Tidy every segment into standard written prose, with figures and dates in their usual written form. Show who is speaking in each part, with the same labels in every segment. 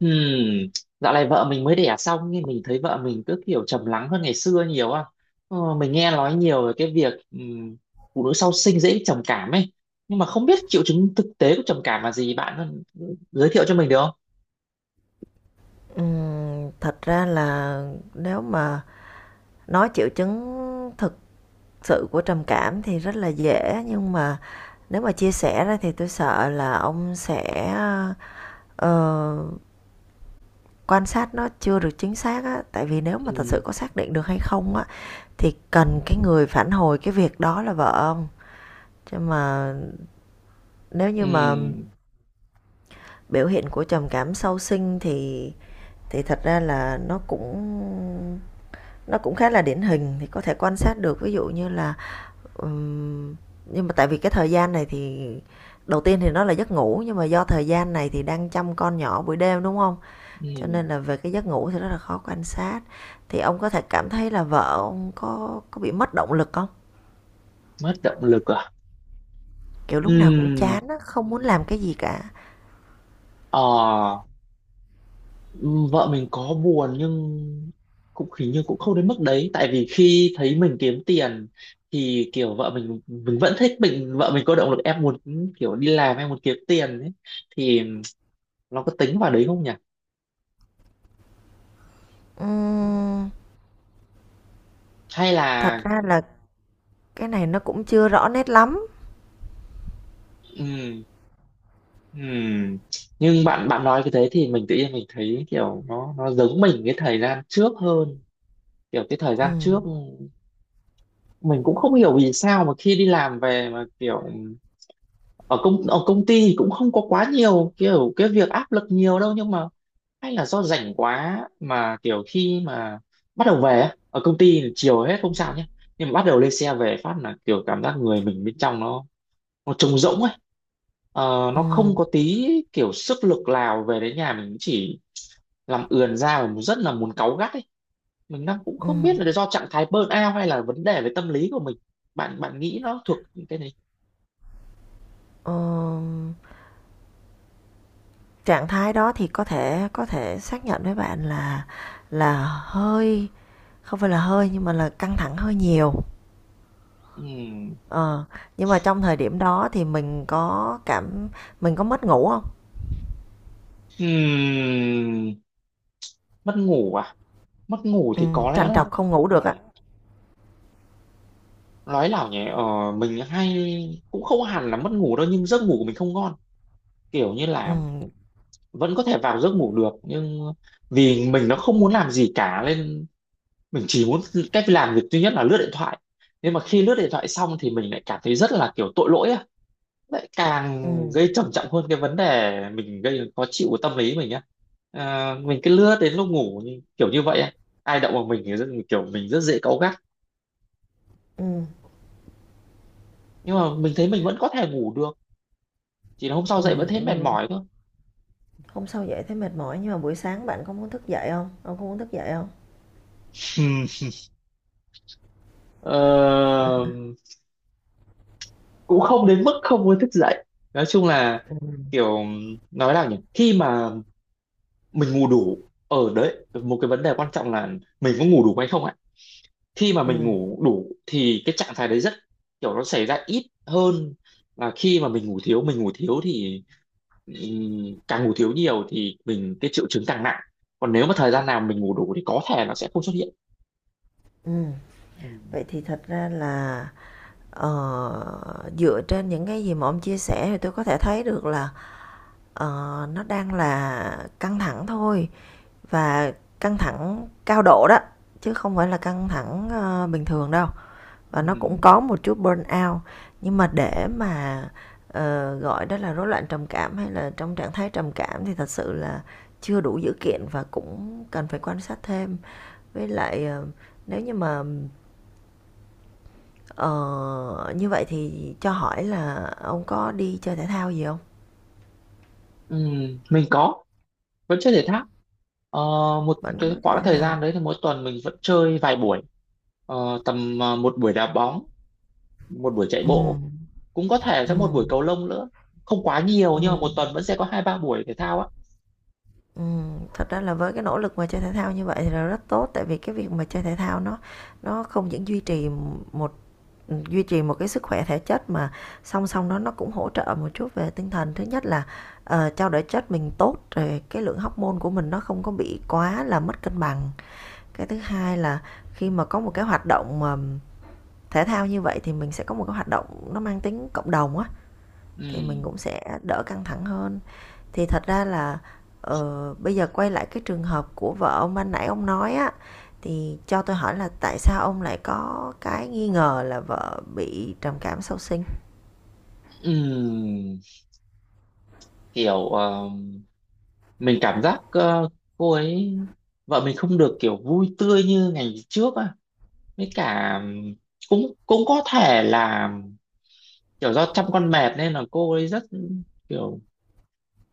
Speaker 1: Hmm, Dạo này vợ mình mới đẻ xong, nhưng mình thấy vợ mình cứ kiểu trầm lắng hơn ngày xưa nhiều á. Mình nghe nói nhiều về cái việc phụ nữ sau sinh dễ bị trầm cảm ấy. Nhưng mà không biết triệu chứng thực tế của trầm cảm là gì, bạn giới thiệu cho mình được không?
Speaker 2: Thật ra là nếu mà nói triệu chứng thực sự của trầm cảm thì rất là dễ, nhưng mà nếu mà chia sẻ ra thì tôi sợ là ông sẽ, ờ, quan sát nó chưa được chính xác á. Tại vì nếu mà thật sự
Speaker 1: Ừm,
Speaker 2: có xác định được hay không á, thì cần cái người phản hồi cái việc đó là vợ ông. Chứ mà nếu như mà
Speaker 1: ừm,
Speaker 2: biểu hiện của trầm cảm sau sinh thì thật ra là nó cũng khá là điển hình, thì có thể quan sát được. Ví dụ như là ừm, nhưng mà tại vì cái thời gian này thì đầu tiên thì nó là giấc ngủ, nhưng mà do thời gian này thì đang chăm con nhỏ buổi đêm đúng không, cho nên
Speaker 1: ừm,
Speaker 2: là về cái giấc ngủ thì rất là khó quan sát. Thì ông có thể cảm thấy là vợ ông có bị mất động lực không,
Speaker 1: Mất động lực à?
Speaker 2: kiểu lúc nào cũng
Speaker 1: Ừm,
Speaker 2: chán không muốn làm cái gì cả.
Speaker 1: ờ Ừ, vợ mình có buồn nhưng cũng hình như cũng không đến mức đấy, tại vì khi thấy mình kiếm tiền thì kiểu vợ mình vẫn thích mình, vợ mình có động lực, em muốn kiểu đi làm, em muốn kiếm tiền ấy, thì nó có tính vào đấy không nhỉ,
Speaker 2: Ừm,
Speaker 1: hay
Speaker 2: thật
Speaker 1: là
Speaker 2: ra là cái này nó cũng chưa rõ nét lắm.
Speaker 1: ừm, ừm. nhưng bạn bạn nói cái thế thì mình tự nhiên mình thấy kiểu nó giống mình cái thời gian trước hơn, kiểu cái thời
Speaker 2: ừ
Speaker 1: gian trước mình cũng không hiểu vì sao mà khi đi làm về mà kiểu ở công ty thì cũng không có quá nhiều kiểu cái việc áp lực nhiều đâu, nhưng mà hay là do rảnh quá mà kiểu khi mà bắt đầu về á, ở công ty thì chiều hết không sao nhé, nhưng mà bắt đầu lên xe về phát là kiểu cảm giác người mình bên trong nó trống rỗng ấy.
Speaker 2: ừ
Speaker 1: Nó không có tí kiểu sức lực nào, về đến nhà mình chỉ làm ườn ra và rất là muốn cáu gắt ấy. Mình đang cũng
Speaker 2: ừ
Speaker 1: không biết là do trạng thái burnout hay là vấn đề về tâm lý của mình, bạn bạn nghĩ nó thuộc cái
Speaker 2: Ờ, trạng thái đó thì có thể xác nhận với bạn là hơi, không phải là hơi nhưng mà là căng thẳng hơi nhiều.
Speaker 1: này?
Speaker 2: ờ nhưng mà trong thời điểm đó thì mình có mất ngủ không?
Speaker 1: Ừm, Mất ngủ à? Mất ngủ
Speaker 2: Ừ
Speaker 1: thì có lẽ
Speaker 2: trằn
Speaker 1: là,
Speaker 2: trọc không ngủ được. Ờ, ạ.
Speaker 1: nói là nhỉ, mình hay cũng không hẳn là mất ngủ đâu, nhưng giấc ngủ của mình không ngon. Kiểu như là
Speaker 2: ừ
Speaker 1: vẫn có thể vào giấc ngủ được, nhưng vì mình nó không muốn làm gì cả nên mình chỉ muốn cách làm việc duy nhất là lướt điện thoại. Nhưng mà khi lướt điện thoại xong thì mình lại cảm thấy rất là kiểu tội lỗi á, lại
Speaker 2: ừ
Speaker 1: càng gây trầm trọng hơn cái vấn đề mình gây khó chịu của tâm lý mình á. À, mình cứ lướt đến lúc ngủ như- kiểu như vậy á, ai động vào mình thì rất, kiểu mình rất dễ cáu gắt,
Speaker 2: ừ
Speaker 1: nhưng mà mình thấy mình vẫn có thể ngủ được, chỉ là hôm sau
Speaker 2: ừ
Speaker 1: dậy vẫn thấy mệt
Speaker 2: ừ.
Speaker 1: mỏi thôi.
Speaker 2: Hôm sau dậy thấy mệt mỏi nhưng mà buổi sáng bạn có muốn thức dậy không, ông không muốn thức dậy không?
Speaker 1: Ừm, ờ, Cũng không đến mức không muốn thức dậy, nói chung là kiểu, nói nào nhỉ, khi mà mình ngủ đủ, ở đấy một cái vấn đề quan trọng là mình có ngủ đủ hay không ạ. Khi mà
Speaker 2: ừ
Speaker 1: mình ngủ đủ thì cái trạng thái đấy rất kiểu nó xảy ra ít hơn, là khi mà mình ngủ thiếu thì càng ngủ thiếu nhiều thì mình cái triệu chứng càng nặng, còn nếu mà thời gian nào mình ngủ đủ thì có thể nó sẽ không xuất hiện.
Speaker 2: ừ
Speaker 1: Ừm,
Speaker 2: Vậy thì thật ra là, dựa trên những cái gì mà ông chia sẻ thì tôi có thể thấy được là, Ờ, nó đang là căng thẳng thôi, và căng thẳng cao độ đó, chứ không phải là căng thẳng bình thường đâu, và nó cũng
Speaker 1: ừm,
Speaker 2: có một chút burnout. Nhưng mà để mà gọi đó là rối loạn trầm cảm hay là trong trạng thái trầm cảm thì thật sự là chưa đủ dữ kiện và cũng cần phải quan sát thêm. Với lại nếu như mà ờ, như vậy thì cho hỏi là ông có đi chơi thể thao gì không?
Speaker 1: mình có, vẫn chơi thể thao. Ờ, Một
Speaker 2: Vẫn có
Speaker 1: cái
Speaker 2: chơi
Speaker 1: khoảng
Speaker 2: thể
Speaker 1: thời gian
Speaker 2: thao.
Speaker 1: đấy thì mỗi tuần mình vẫn chơi vài buổi. Tầm một buổi đá bóng, một buổi chạy
Speaker 2: ừ
Speaker 1: bộ, cũng có thể sẽ một
Speaker 2: ừ
Speaker 1: buổi cầu lông nữa, không quá nhiều
Speaker 2: ừ
Speaker 1: nhưng mà một
Speaker 2: ừ.
Speaker 1: tuần vẫn sẽ có hai ba buổi thể thao á.
Speaker 2: Thật ra là với cái nỗ lực mà chơi thể thao như vậy thì là rất tốt, tại vì cái việc mà chơi thể thao nó không những duy trì một, ừ, duy trì một cái sức khỏe thể chất, mà song song đó nó cũng hỗ trợ một chút về tinh thần. Thứ nhất là, trao đổi chất mình tốt, rồi cái lượng hormone của mình nó không có bị quá là mất cân bằng. Cái thứ hai là khi mà có một cái hoạt động mà thể thao như vậy thì mình sẽ có một cái hoạt động nó mang tính cộng đồng á, thì mình
Speaker 1: Ừm,
Speaker 2: cũng sẽ đỡ căng thẳng hơn. Thì thật ra là bây giờ quay lại cái trường hợp của vợ ông ban nãy ông nói á, thì cho tôi hỏi là tại sao ông lại có cái nghi ngờ là vợ bị trầm cảm sau sinh?
Speaker 1: ừm, Kiểu mình cảm giác cô ấy, vợ mình không được kiểu vui tươi như ngày trước á, với cả cũng cũng có thể là kiểu do chăm con mệt nên là cô ấy rất kiểu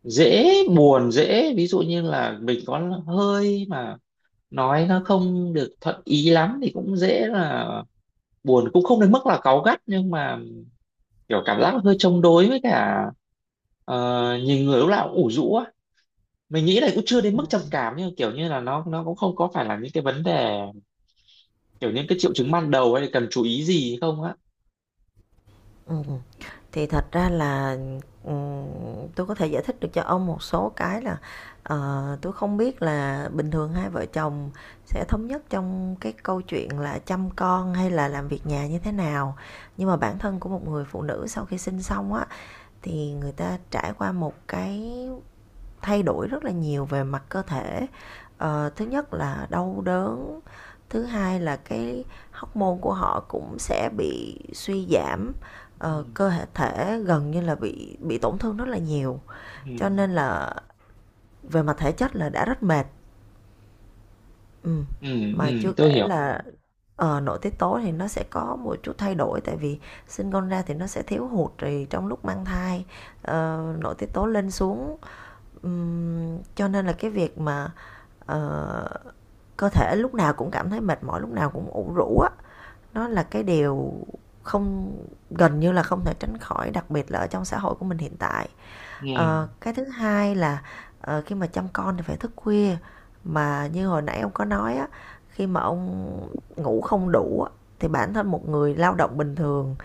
Speaker 1: dễ buồn, dễ, ví dụ như là mình có hơi mà nói nó không được thuận ý lắm thì cũng dễ là buồn, cũng không đến mức là cáu gắt, nhưng mà kiểu cảm giác hơi chống đối, với cả nhìn người lúc nào cũng ủ rũ á. Mình nghĩ là cũng chưa đến mức trầm cảm nhưng kiểu như là nó cũng không có phải là những cái vấn đề kiểu những cái triệu chứng ban đầu hay là cần chú ý gì không á?
Speaker 2: Ừ. Thì thật ra là ừm, tôi có thể giải thích được cho ông một số cái là, tôi không biết là bình thường hai vợ chồng sẽ thống nhất trong cái câu chuyện là chăm con hay là làm việc nhà như thế nào, nhưng mà bản thân của một người phụ nữ sau khi sinh xong á thì người ta trải qua một cái thay đổi rất là nhiều về mặt cơ thể. Thứ nhất là đau đớn, thứ hai là cái hormone của họ cũng sẽ bị suy giảm,
Speaker 1: Ừ,
Speaker 2: cơ hệ thể gần như là bị tổn thương rất là nhiều, cho
Speaker 1: ừ,
Speaker 2: nên là về mặt thể chất là đã rất mệt. Ừ.
Speaker 1: ừ,
Speaker 2: Mà
Speaker 1: ừ,
Speaker 2: chưa
Speaker 1: tôi
Speaker 2: kể
Speaker 1: hiểu.
Speaker 2: là nội tiết tố thì nó sẽ có một chút thay đổi, tại vì sinh con ra thì nó sẽ thiếu hụt, thì trong lúc mang thai nội tiết tố lên xuống. Cho nên là cái việc mà, ờ, cơ thể lúc nào cũng cảm thấy mệt mỏi, lúc nào cũng ủ rũ á, nó là cái điều không gần như là không thể tránh khỏi, đặc biệt là ở trong xã hội của mình hiện tại.
Speaker 1: Ừ,
Speaker 2: Ờ, cái thứ hai là, khi mà chăm con thì phải thức khuya, mà như hồi nãy ông có nói á, khi mà ông ngủ không đủ á, thì bản thân một người lao động bình thường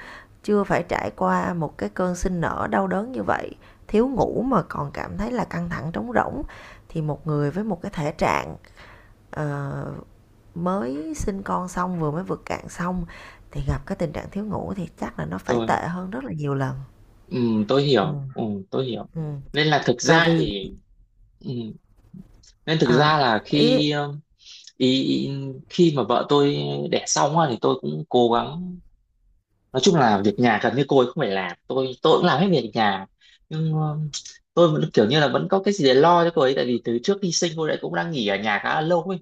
Speaker 2: chưa phải trải qua một cái cơn sinh nở đau đớn như vậy, thiếu ngủ mà còn cảm thấy là căng thẳng trống rỗng, thì một người với một cái thể trạng ờ, mới sinh con xong vừa mới vượt cạn xong thì gặp cái tình trạng thiếu ngủ thì chắc là nó phải
Speaker 1: tôi
Speaker 2: tệ hơn rất là nhiều lần.
Speaker 1: ừ, tôi
Speaker 2: Ừ,
Speaker 1: hiểu. Ừ, tôi hiểu.
Speaker 2: ừ.
Speaker 1: Nên là thực
Speaker 2: và
Speaker 1: ra
Speaker 2: vì
Speaker 1: thì, ừ, nên thực
Speaker 2: ờ,
Speaker 1: ra là
Speaker 2: ý,
Speaker 1: khi ý, khi mà vợ tôi đẻ xong á thì tôi cũng cố gắng, nói chung là việc nhà gần như cô ấy không phải làm, tôi cũng làm hết việc nhà. Nhưng tôi vẫn kiểu như là vẫn có cái gì để lo cho cô ấy, tại vì từ trước khi sinh cô ấy cũng đang nghỉ ở nhà khá là lâu ấy,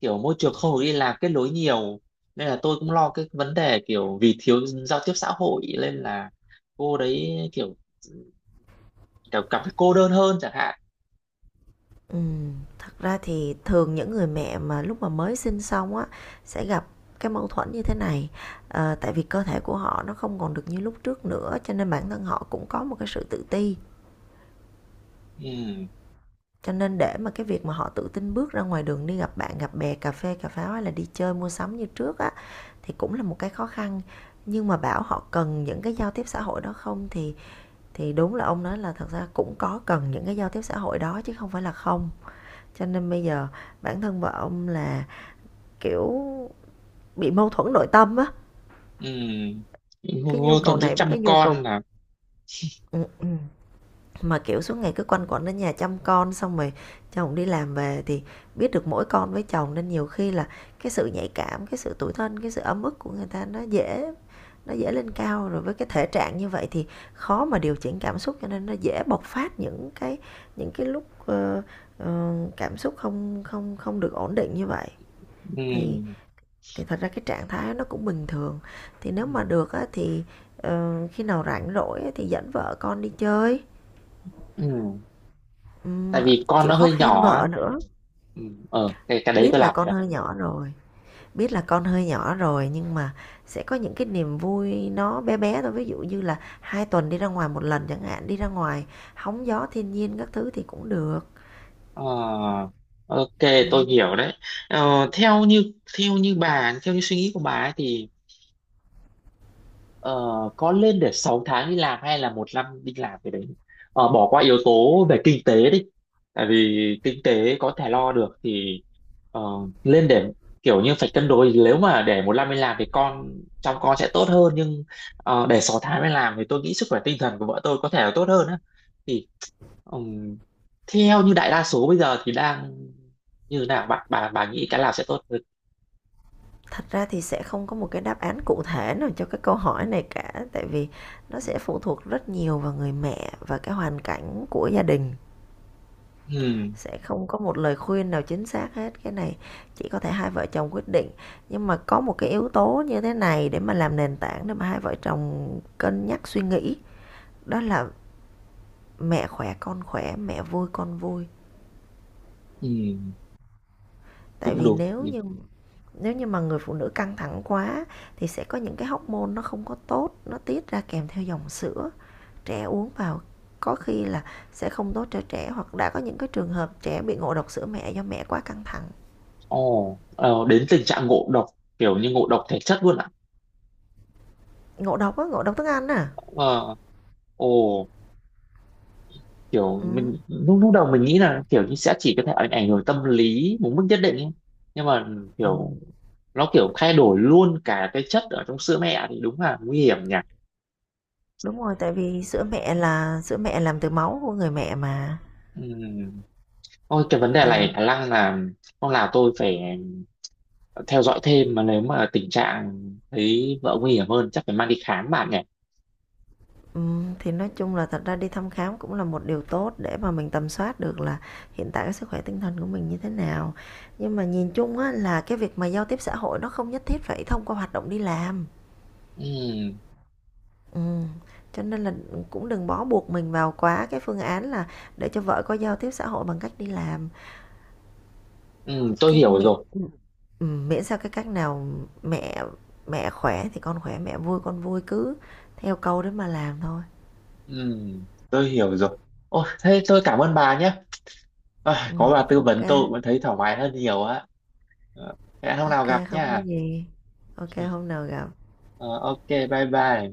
Speaker 1: kiểu môi trường không được đi làm kết nối nhiều, nên là tôi cũng lo cái vấn đề kiểu vì thiếu giao tiếp xã hội nên là cô đấy kiểu, kiểu cảm thấy cô đơn hơn chẳng hạn.
Speaker 2: Ừm, thật ra thì thường những người mẹ mà lúc mà mới sinh xong á sẽ gặp cái mâu thuẫn như thế này. Ờ, tại vì cơ thể của họ nó không còn được như lúc trước nữa, cho nên bản thân họ cũng có một cái sự tự ti.
Speaker 1: Ừ,
Speaker 2: Cho nên để mà cái việc mà họ tự tin bước ra ngoài đường đi gặp bạn, gặp bè, cà phê, cà pháo hay là đi chơi mua sắm như trước á thì cũng là một cái khó khăn. Nhưng mà bảo họ cần những cái giao tiếp xã hội đó không thì đúng là ông nói là thật ra cũng có cần những cái giao tiếp xã hội đó chứ không phải là không. Cho nên bây giờ bản thân vợ ông là kiểu bị mâu thuẫn nội tâm á,
Speaker 1: ừ,
Speaker 2: cái nhu
Speaker 1: vô
Speaker 2: cầu
Speaker 1: thuận giữa
Speaker 2: này với
Speaker 1: chăm
Speaker 2: cái nhu
Speaker 1: con
Speaker 2: cầu.
Speaker 1: là,
Speaker 2: ừ, ừ. Mà kiểu suốt ngày cứ quanh quẩn đến nhà chăm con xong rồi chồng đi làm về thì biết được mỗi con với chồng, nên nhiều khi là cái sự nhạy cảm, cái sự tủi thân, cái sự ấm ức của người ta nó dễ lên cao, rồi với cái thể trạng như vậy thì khó mà điều chỉnh cảm xúc, cho nên nó dễ bộc phát những cái những cái lúc ờ, cảm xúc không không không được ổn định như vậy. thì
Speaker 1: ừ,
Speaker 2: thì thật ra cái trạng thái nó cũng bình thường. Thì nếu
Speaker 1: ừ,
Speaker 2: mà được á, thì khi nào rảnh rỗi á, thì dẫn vợ con đi chơi.
Speaker 1: ừ.
Speaker 2: Ừm,
Speaker 1: Tại vì con
Speaker 2: chịu
Speaker 1: nó
Speaker 2: khó
Speaker 1: hơi
Speaker 2: khen
Speaker 1: nhỏ á,
Speaker 2: vợ nữa.
Speaker 1: ừ, ờ, cái đấy
Speaker 2: Biết
Speaker 1: tôi
Speaker 2: là
Speaker 1: làm
Speaker 2: con
Speaker 1: được.
Speaker 2: hơi nhỏ rồi, biết là con hơi nhỏ rồi, nhưng mà sẽ có những cái niềm vui nó bé bé thôi, ví dụ như là hai tuần đi ra ngoài một lần chẳng hạn, đi ra ngoài hóng gió thiên nhiên các thứ thì cũng được.
Speaker 1: Ờ, ok, tôi
Speaker 2: Ừm.
Speaker 1: hiểu đấy. Ờ, theo như theo như suy nghĩ của bà ấy thì, Ờ, có lên để 6 tháng đi làm hay là 1 năm đi làm, cái đấy bỏ qua yếu tố về kinh tế đi, tại vì kinh tế có thể lo được. Thì ờ, lên để kiểu như phải cân đối, nếu mà để 1 năm đi làm thì con, trong con sẽ tốt hơn, nhưng để 6 tháng đi làm thì tôi nghĩ sức khỏe tinh thần của vợ tôi có thể là tốt hơn á. Thì ừm, theo như đại đa số bây giờ thì đang như nào, bạn bà nghĩ cái nào sẽ tốt hơn?
Speaker 2: Thật ra thì sẽ không có một cái đáp án cụ thể nào cho cái câu hỏi này cả, tại vì nó sẽ phụ thuộc rất nhiều vào người mẹ và cái hoàn cảnh của gia đình.
Speaker 1: Ừm,
Speaker 2: Sẽ không có một lời khuyên nào chính xác hết. Cái này chỉ có thể hai vợ chồng quyết định. Nhưng mà có một cái yếu tố như thế này để mà làm nền tảng để mà hai vợ chồng cân nhắc suy nghĩ, đó là mẹ khỏe con khỏe, mẹ vui con vui.
Speaker 1: ừm,
Speaker 2: Tại
Speaker 1: Cũng
Speaker 2: vì
Speaker 1: đúng.
Speaker 2: nếu như mà người phụ nữ căng thẳng quá thì sẽ có những cái hormone nó không có tốt, nó tiết ra kèm theo dòng sữa, trẻ uống vào có khi là sẽ không tốt cho trẻ, hoặc đã có những cái trường hợp trẻ bị ngộ độc sữa mẹ do mẹ quá căng thẳng.
Speaker 1: Ồ, đến tình trạng ngộ độc, kiểu như ngộ độc thể chất luôn ạ.
Speaker 2: Ngộ độc á, ngộ độc thức ăn à.
Speaker 1: Ờ, ồ, Kiểu
Speaker 2: ừ.
Speaker 1: mình lúc lúc đầu mình nghĩ là kiểu như sẽ chỉ có thể ảnh ảnh hưởng tâm lý một mức nhất định ấy. Nhưng mà
Speaker 2: ừ
Speaker 1: kiểu nó kiểu thay đổi luôn cả cái chất ở trong sữa mẹ thì đúng là nguy hiểm nhỉ.
Speaker 2: Đúng rồi, tại vì sữa mẹ là sữa mẹ làm từ máu của người mẹ mà.
Speaker 1: Ừm. Ôi, cái vấn đề
Speaker 2: ừ.
Speaker 1: này khả năng là không, là tôi phải theo dõi thêm, mà nếu mà tình trạng thấy vợ nguy hiểm hơn chắc phải mang đi khám bạn nhỉ.
Speaker 2: ừ thì nói chung là thật ra đi thăm khám cũng là một điều tốt để mà mình tầm soát được là hiện tại cái sức khỏe tinh thần của mình như thế nào. Nhưng mà nhìn chung á là cái việc mà giao tiếp xã hội nó không nhất thiết phải thông qua hoạt động đi làm.
Speaker 1: Ừm,
Speaker 2: Ừm, cho nên là cũng đừng bó buộc mình vào quá cái phương án là để cho vợ có giao tiếp xã hội bằng cách đi làm.
Speaker 1: tôi
Speaker 2: Cái
Speaker 1: hiểu
Speaker 2: miễn,
Speaker 1: rồi.
Speaker 2: miễn sao cái cách nào mẹ mẹ khỏe thì con khỏe, mẹ vui con vui, cứ theo câu đấy mà làm thôi.
Speaker 1: Ừ, tôi hiểu rồi. Ô, thế tôi cảm ơn bà nhé. À, có bà tư
Speaker 2: Ok
Speaker 1: vấn
Speaker 2: kê,
Speaker 1: tôi cũng thấy thoải mái hơn nhiều á. Ờ, Hẹn hôm nào gặp
Speaker 2: không có
Speaker 1: nha.
Speaker 2: gì. Ok, hôm nào gặp.
Speaker 1: Ờ, ok, bye bye.